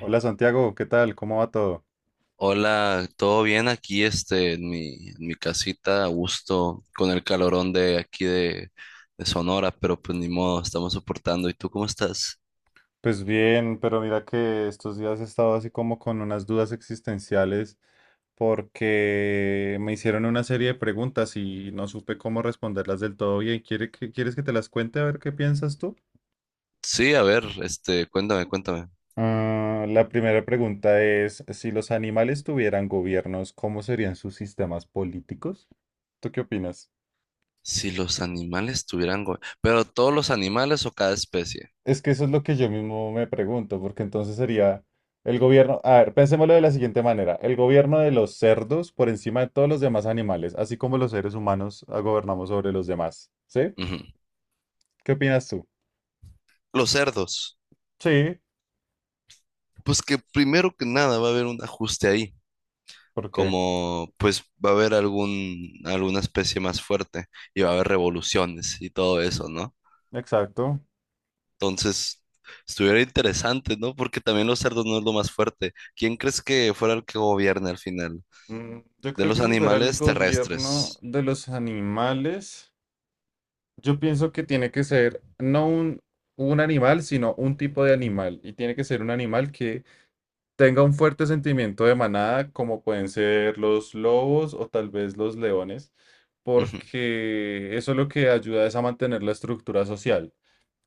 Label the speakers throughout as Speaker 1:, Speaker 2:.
Speaker 1: Hola Santiago, ¿qué tal? ¿Cómo va todo?
Speaker 2: Hola, ¿todo bien aquí en mi casita, a gusto, con el calorón de aquí de Sonora, pero pues ni modo, estamos soportando. ¿Y tú cómo estás?
Speaker 1: Pues bien, pero mira que estos días he estado así como con unas dudas existenciales porque me hicieron una serie de preguntas y no supe cómo responderlas del todo bien. ¿Quieres que te las cuente a ver qué piensas tú?
Speaker 2: Sí, a ver, cuéntame, cuéntame.
Speaker 1: Ah, la primera pregunta es, si los animales tuvieran gobiernos, ¿cómo serían sus sistemas políticos? ¿Tú qué opinas?
Speaker 2: Si los animales tuvieran... pero todos los animales, ¿o cada especie?
Speaker 1: Es que eso es lo que yo mismo me pregunto, porque entonces sería el gobierno, a ver, pensémoslo de la siguiente manera, el gobierno de los cerdos por encima de todos los demás animales, así como los seres humanos gobernamos sobre los demás, ¿sí?
Speaker 2: Ujú.
Speaker 1: ¿Qué opinas tú?
Speaker 2: Los cerdos.
Speaker 1: Sí,
Speaker 2: Pues que primero que nada va a haber un ajuste ahí.
Speaker 1: ¿por qué?
Speaker 2: Como pues va a haber alguna especie más fuerte y va a haber revoluciones y todo eso, ¿no?
Speaker 1: Exacto.
Speaker 2: Entonces, estuviera interesante, ¿no? Porque también los cerdos no es lo más fuerte. ¿Quién crees que fuera el que gobierne al final?
Speaker 1: Mm, yo
Speaker 2: De
Speaker 1: creo que
Speaker 2: los
Speaker 1: si fuera el
Speaker 2: animales
Speaker 1: gobierno
Speaker 2: terrestres.
Speaker 1: de los animales, yo pienso que tiene que ser no un, un animal, sino un tipo de animal. Y tiene que ser un animal que tenga un fuerte sentimiento de manada, como pueden ser los lobos o tal vez los leones,
Speaker 2: Ujú.
Speaker 1: porque eso lo que ayuda es a mantener la estructura social.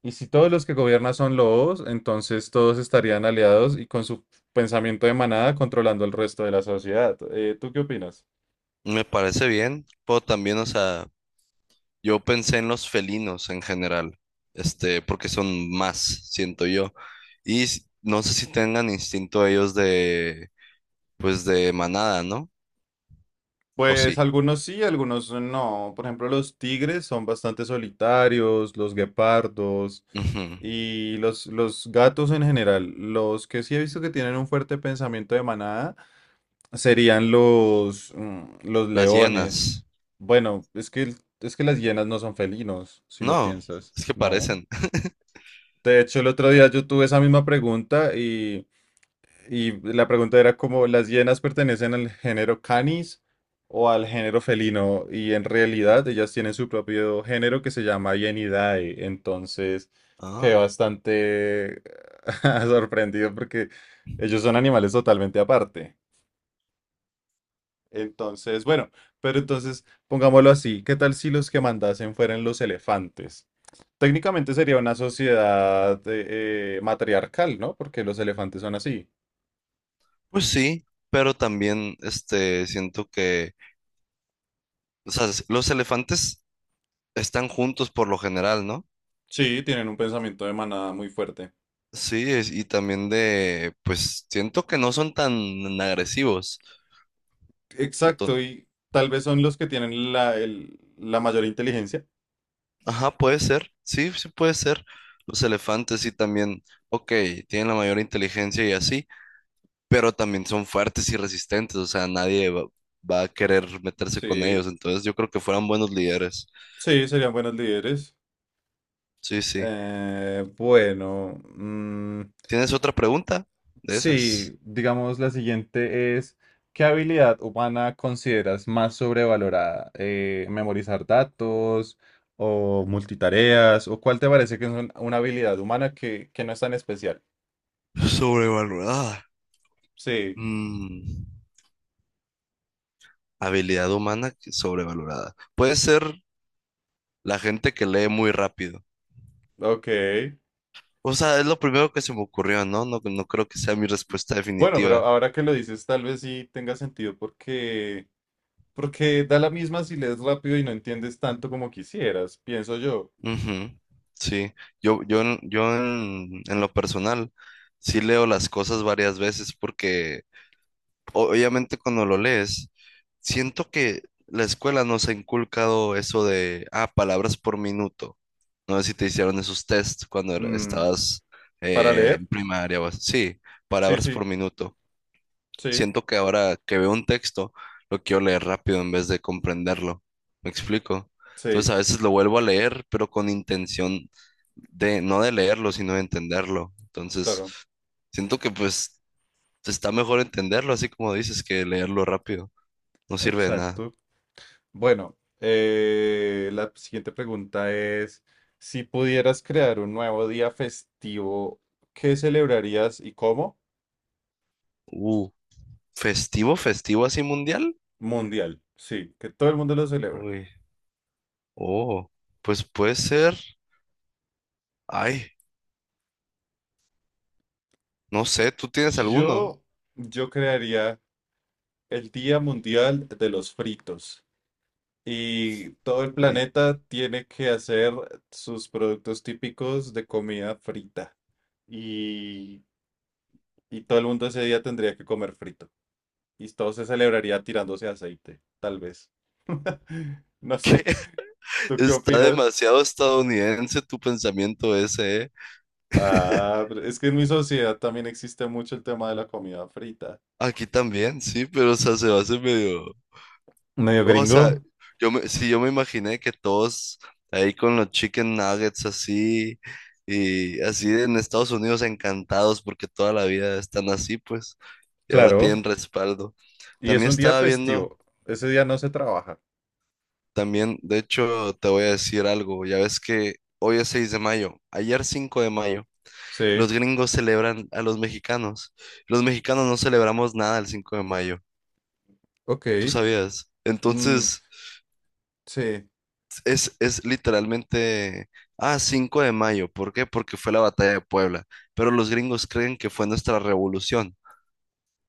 Speaker 1: Y si todos los que gobiernan son lobos, entonces todos estarían aliados y con su pensamiento de manada controlando el resto de la sociedad. ¿Tú qué opinas?
Speaker 2: Me parece bien, pero también, o sea, yo pensé en los felinos en general, porque son más, siento yo. Y no sé si tengan instinto ellos de, pues, de manada, ¿no? ¿O
Speaker 1: Pues
Speaker 2: sí?
Speaker 1: algunos sí, algunos no. Por ejemplo, los tigres son bastante solitarios, los guepardos.
Speaker 2: Ujú.
Speaker 1: Y los gatos en general, los que sí he visto que tienen un fuerte pensamiento de manada, serían los
Speaker 2: Las hienas.
Speaker 1: leones. Bueno, es que las hienas no son felinos, si lo
Speaker 2: No,
Speaker 1: piensas.
Speaker 2: es que
Speaker 1: No.
Speaker 2: parecen.
Speaker 1: De hecho, el otro día yo tuve esa misma pregunta y la pregunta era como, ¿las hienas pertenecen al género Canis o al género felino? Y en realidad ellas tienen su propio género que se llama Hienidae. Entonces, quedé
Speaker 2: Ah.
Speaker 1: bastante sorprendido porque ellos son animales totalmente aparte. Entonces, bueno, pero entonces pongámoslo así, ¿qué tal si los que mandasen fueran los elefantes? Técnicamente sería una sociedad matriarcal, ¿no? Porque los elefantes son así.
Speaker 2: Pues sí, pero también siento que, o sea, los elefantes están juntos por lo general, ¿no?
Speaker 1: Sí, tienen un pensamiento de manada muy fuerte.
Speaker 2: Sí, y también de, pues siento que no son tan agresivos. Entonces,
Speaker 1: Exacto, y tal vez son los que tienen la mayor inteligencia.
Speaker 2: ajá, puede ser, sí, sí puede ser. Los elefantes sí también, ok, tienen la mayor inteligencia y así, pero también son fuertes y resistentes, o sea, nadie va a querer meterse con
Speaker 1: Sí,
Speaker 2: ellos, entonces yo creo que fueran buenos líderes.
Speaker 1: sí, serían buenos líderes.
Speaker 2: Sí, sí.
Speaker 1: Bueno, mm,
Speaker 2: ¿Tienes otra pregunta de esas?
Speaker 1: sí, digamos la siguiente es, ¿qué habilidad humana consideras más sobrevalorada? ¿Memorizar datos o multitareas? ¿O cuál te parece que es una habilidad humana que no es tan especial?
Speaker 2: Sobrevalorada.
Speaker 1: Sí,
Speaker 2: Mm, habilidad humana sobrevalorada. Puede ser la gente que lee muy rápido.
Speaker 1: ok.
Speaker 2: O sea, es lo primero que se me ocurrió, ¿no? No, no creo que sea mi respuesta
Speaker 1: Bueno, pero
Speaker 2: definitiva.
Speaker 1: ahora que lo dices, tal vez sí tenga sentido porque da la misma si lees rápido y no entiendes tanto como quisieras, pienso yo.
Speaker 2: Ujú. Sí, yo en lo personal sí leo las cosas varias veces porque obviamente cuando lo lees, siento que la escuela nos ha inculcado eso de, palabras por minuto. No sé si te hicieron esos tests cuando
Speaker 1: Mm,
Speaker 2: estabas,
Speaker 1: ¿para leer?
Speaker 2: en primaria o así. Sí,
Speaker 1: Sí,
Speaker 2: palabras
Speaker 1: sí,
Speaker 2: por minuto.
Speaker 1: sí,
Speaker 2: Siento que ahora que veo un texto, lo quiero leer rápido en vez de comprenderlo. ¿Me explico?
Speaker 1: sí,
Speaker 2: Entonces a veces lo vuelvo a leer, pero con intención de, no de leerlo, sino de entenderlo. Entonces,
Speaker 1: claro,
Speaker 2: siento que pues entonces, está mejor entenderlo, así como dices, que leerlo rápido. No sirve de nada.
Speaker 1: exacto. Bueno, la siguiente pregunta es, si pudieras crear un nuevo día festivo, ¿qué celebrarías y cómo?
Speaker 2: Uh, festivo, festivo así mundial.
Speaker 1: Mundial, sí, que todo el mundo lo celebra.
Speaker 2: Uy, oh, pues puede ser. Ay, no sé, ¿tú tienes alguno?
Speaker 1: Yo, yo crearía el Día Mundial de los Fritos. Y todo el
Speaker 2: Ahorita.
Speaker 1: planeta tiene que hacer sus productos típicos de comida frita. Y, y todo el mundo ese día tendría que comer frito. Y todo se celebraría tirándose aceite, tal vez. No sé, ¿tú qué
Speaker 2: Está
Speaker 1: opinas?
Speaker 2: demasiado estadounidense tu pensamiento ese, ¿eh?
Speaker 1: Ah, pero es que en mi sociedad también existe mucho el tema de la comida frita.
Speaker 2: Aquí también, sí, pero o sea, se va a hacer medio.
Speaker 1: Medio
Speaker 2: O sea,
Speaker 1: gringo,
Speaker 2: sí, yo me imaginé que todos ahí con los chicken nuggets así y así en Estados Unidos encantados porque toda la vida están así, pues, y ahora
Speaker 1: claro.
Speaker 2: tienen respaldo.
Speaker 1: Y es
Speaker 2: También
Speaker 1: un día
Speaker 2: estaba viendo,
Speaker 1: festivo. Ese día no se trabaja.
Speaker 2: también, de hecho, te voy a decir algo, ya ves que hoy es 6 de mayo, ayer 5 de mayo, los
Speaker 1: Sí,
Speaker 2: gringos celebran a los mexicanos. Los mexicanos no celebramos nada el 5 de mayo, ¿tú
Speaker 1: ok.
Speaker 2: sabías?
Speaker 1: Mm,
Speaker 2: Entonces...
Speaker 1: sí,
Speaker 2: es literalmente, 5 de mayo. ¿Por qué? Porque fue la batalla de Puebla. Pero los gringos creen que fue nuestra revolución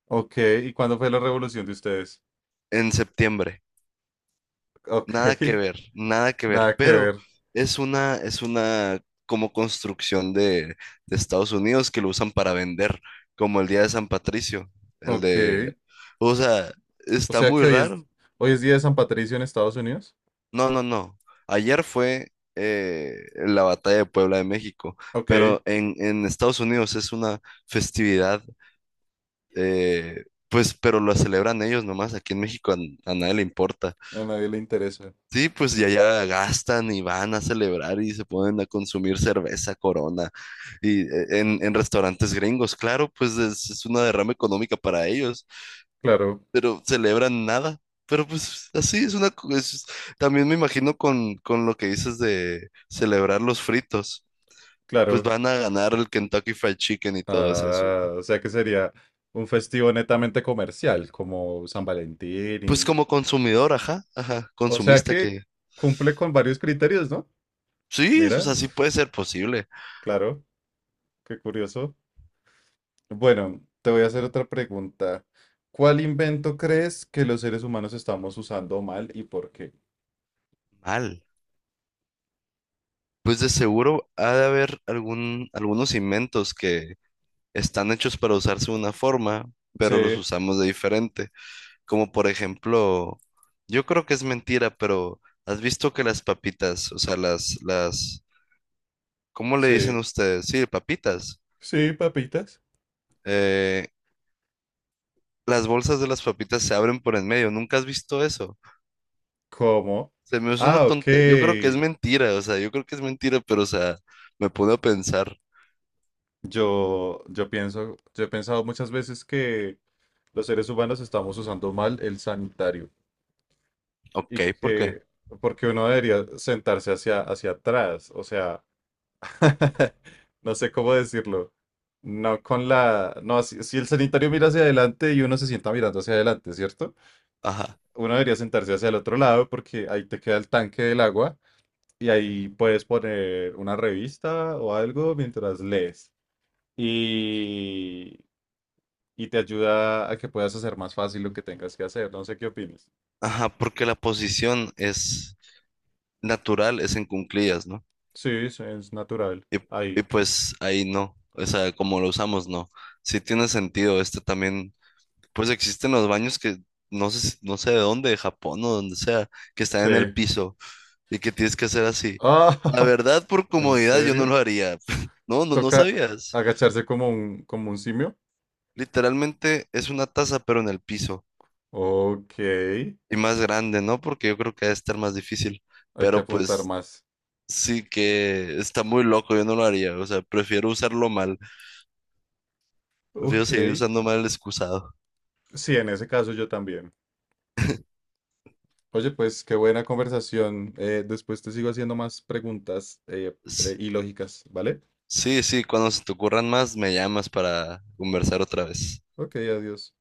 Speaker 1: ok. ¿Y cuándo fue la revolución de ustedes?
Speaker 2: en septiembre.
Speaker 1: Ok,
Speaker 2: Nada que ver, nada que ver.
Speaker 1: nada que
Speaker 2: Pero
Speaker 1: ver.
Speaker 2: es una como construcción de, Estados Unidos que lo usan para vender, como el día de San Patricio, el
Speaker 1: Ok.
Speaker 2: de, o sea,
Speaker 1: O
Speaker 2: está
Speaker 1: sea que
Speaker 2: muy raro.
Speaker 1: hoy es día de San Patricio en Estados Unidos.
Speaker 2: No, no, no. Ayer fue, la batalla de Puebla de México,
Speaker 1: Ok,
Speaker 2: pero en Estados Unidos es una festividad, pues, pero la celebran ellos nomás. Aquí en México a nadie le importa.
Speaker 1: a nadie le interesa.
Speaker 2: Sí, pues ya allá gastan y van a celebrar y se ponen a consumir cerveza, Corona, y, en restaurantes gringos. Claro, pues es una derrama económica para ellos,
Speaker 1: Claro,
Speaker 2: pero celebran nada. Pero pues así es una... también me imagino con, lo que dices de celebrar los fritos, pues
Speaker 1: claro.
Speaker 2: van a ganar el Kentucky Fried Chicken y todo eso.
Speaker 1: Ah, o sea que sería un festivo netamente comercial, como San Valentín
Speaker 2: Pues
Speaker 1: y...
Speaker 2: como consumidor, ajá, ajá,
Speaker 1: O sea
Speaker 2: consumista, que
Speaker 1: que
Speaker 2: diga.
Speaker 1: cumple con varios criterios, ¿no?
Speaker 2: Sí, o
Speaker 1: Mira,
Speaker 2: sea, sí puede ser posible.
Speaker 1: claro, qué curioso. Bueno, te voy a hacer otra pregunta. ¿Cuál invento crees que los seres humanos estamos usando mal y por qué?
Speaker 2: Mal. Pues de seguro ha de haber algunos inventos que están hechos para usarse de una forma, pero los
Speaker 1: Sí,
Speaker 2: usamos de diferente. Como por ejemplo, yo creo que es mentira, pero ¿has visto que las papitas, o sea, ¿cómo le dicen
Speaker 1: sí,
Speaker 2: ustedes? Sí, papitas.
Speaker 1: sí, papitas.
Speaker 2: Eh, las bolsas de las papitas se abren por en medio. ¿Nunca has visto eso?
Speaker 1: ¿Cómo?
Speaker 2: Se me hace una
Speaker 1: Ah, ok.
Speaker 2: tonta. Yo creo que es mentira, o sea, yo creo que es mentira, pero, o sea, me pone a pensar,
Speaker 1: Yo pienso, yo he pensado muchas veces que los seres humanos estamos usando mal el sanitario
Speaker 2: ok,
Speaker 1: y
Speaker 2: ¿por qué?
Speaker 1: que, porque uno debería sentarse hacia atrás, o sea, no sé cómo decirlo. No con la... No, si el sanitario mira hacia adelante y uno se sienta mirando hacia adelante, ¿cierto?
Speaker 2: Ajá.
Speaker 1: Uno debería sentarse hacia el otro lado porque ahí te queda el tanque del agua y ahí puedes poner una revista o algo mientras lees. Y, y te ayuda a que puedas hacer más fácil lo que tengas que hacer. No sé qué opinas.
Speaker 2: Ajá, porque la posición es natural, es en cuclillas, ¿no?
Speaker 1: Sí, sí, es natural.
Speaker 2: Y, y
Speaker 1: Ahí.
Speaker 2: pues ahí no, o sea, como lo usamos, no. Sí tiene sentido, también. Pues existen los baños que no sé, no sé de dónde, de Japón o donde sea, que están
Speaker 1: Sí.
Speaker 2: en el piso y que tienes que hacer así.
Speaker 1: Ah,
Speaker 2: La verdad, por
Speaker 1: ¿en
Speaker 2: comodidad, yo no
Speaker 1: serio?
Speaker 2: lo haría. No, no, no
Speaker 1: Toca
Speaker 2: sabías.
Speaker 1: agacharse como como un simio.
Speaker 2: Literalmente es una taza, pero en el piso.
Speaker 1: Ok, hay
Speaker 2: Y más grande, ¿no? Porque yo creo que ha de estar más difícil.
Speaker 1: que
Speaker 2: Pero
Speaker 1: apuntar
Speaker 2: pues
Speaker 1: más.
Speaker 2: sí que está muy loco, yo no lo haría. O sea, prefiero usarlo mal. Prefiero
Speaker 1: Ok,
Speaker 2: seguir usando mal el excusado.
Speaker 1: sí, en ese caso yo también. Oye, pues qué buena conversación. Después te sigo haciendo más preguntas
Speaker 2: S-
Speaker 1: y lógicas, ¿vale?
Speaker 2: Sí, sí, cuando se te ocurran más, me llamas para conversar otra vez.
Speaker 1: Ok, adiós.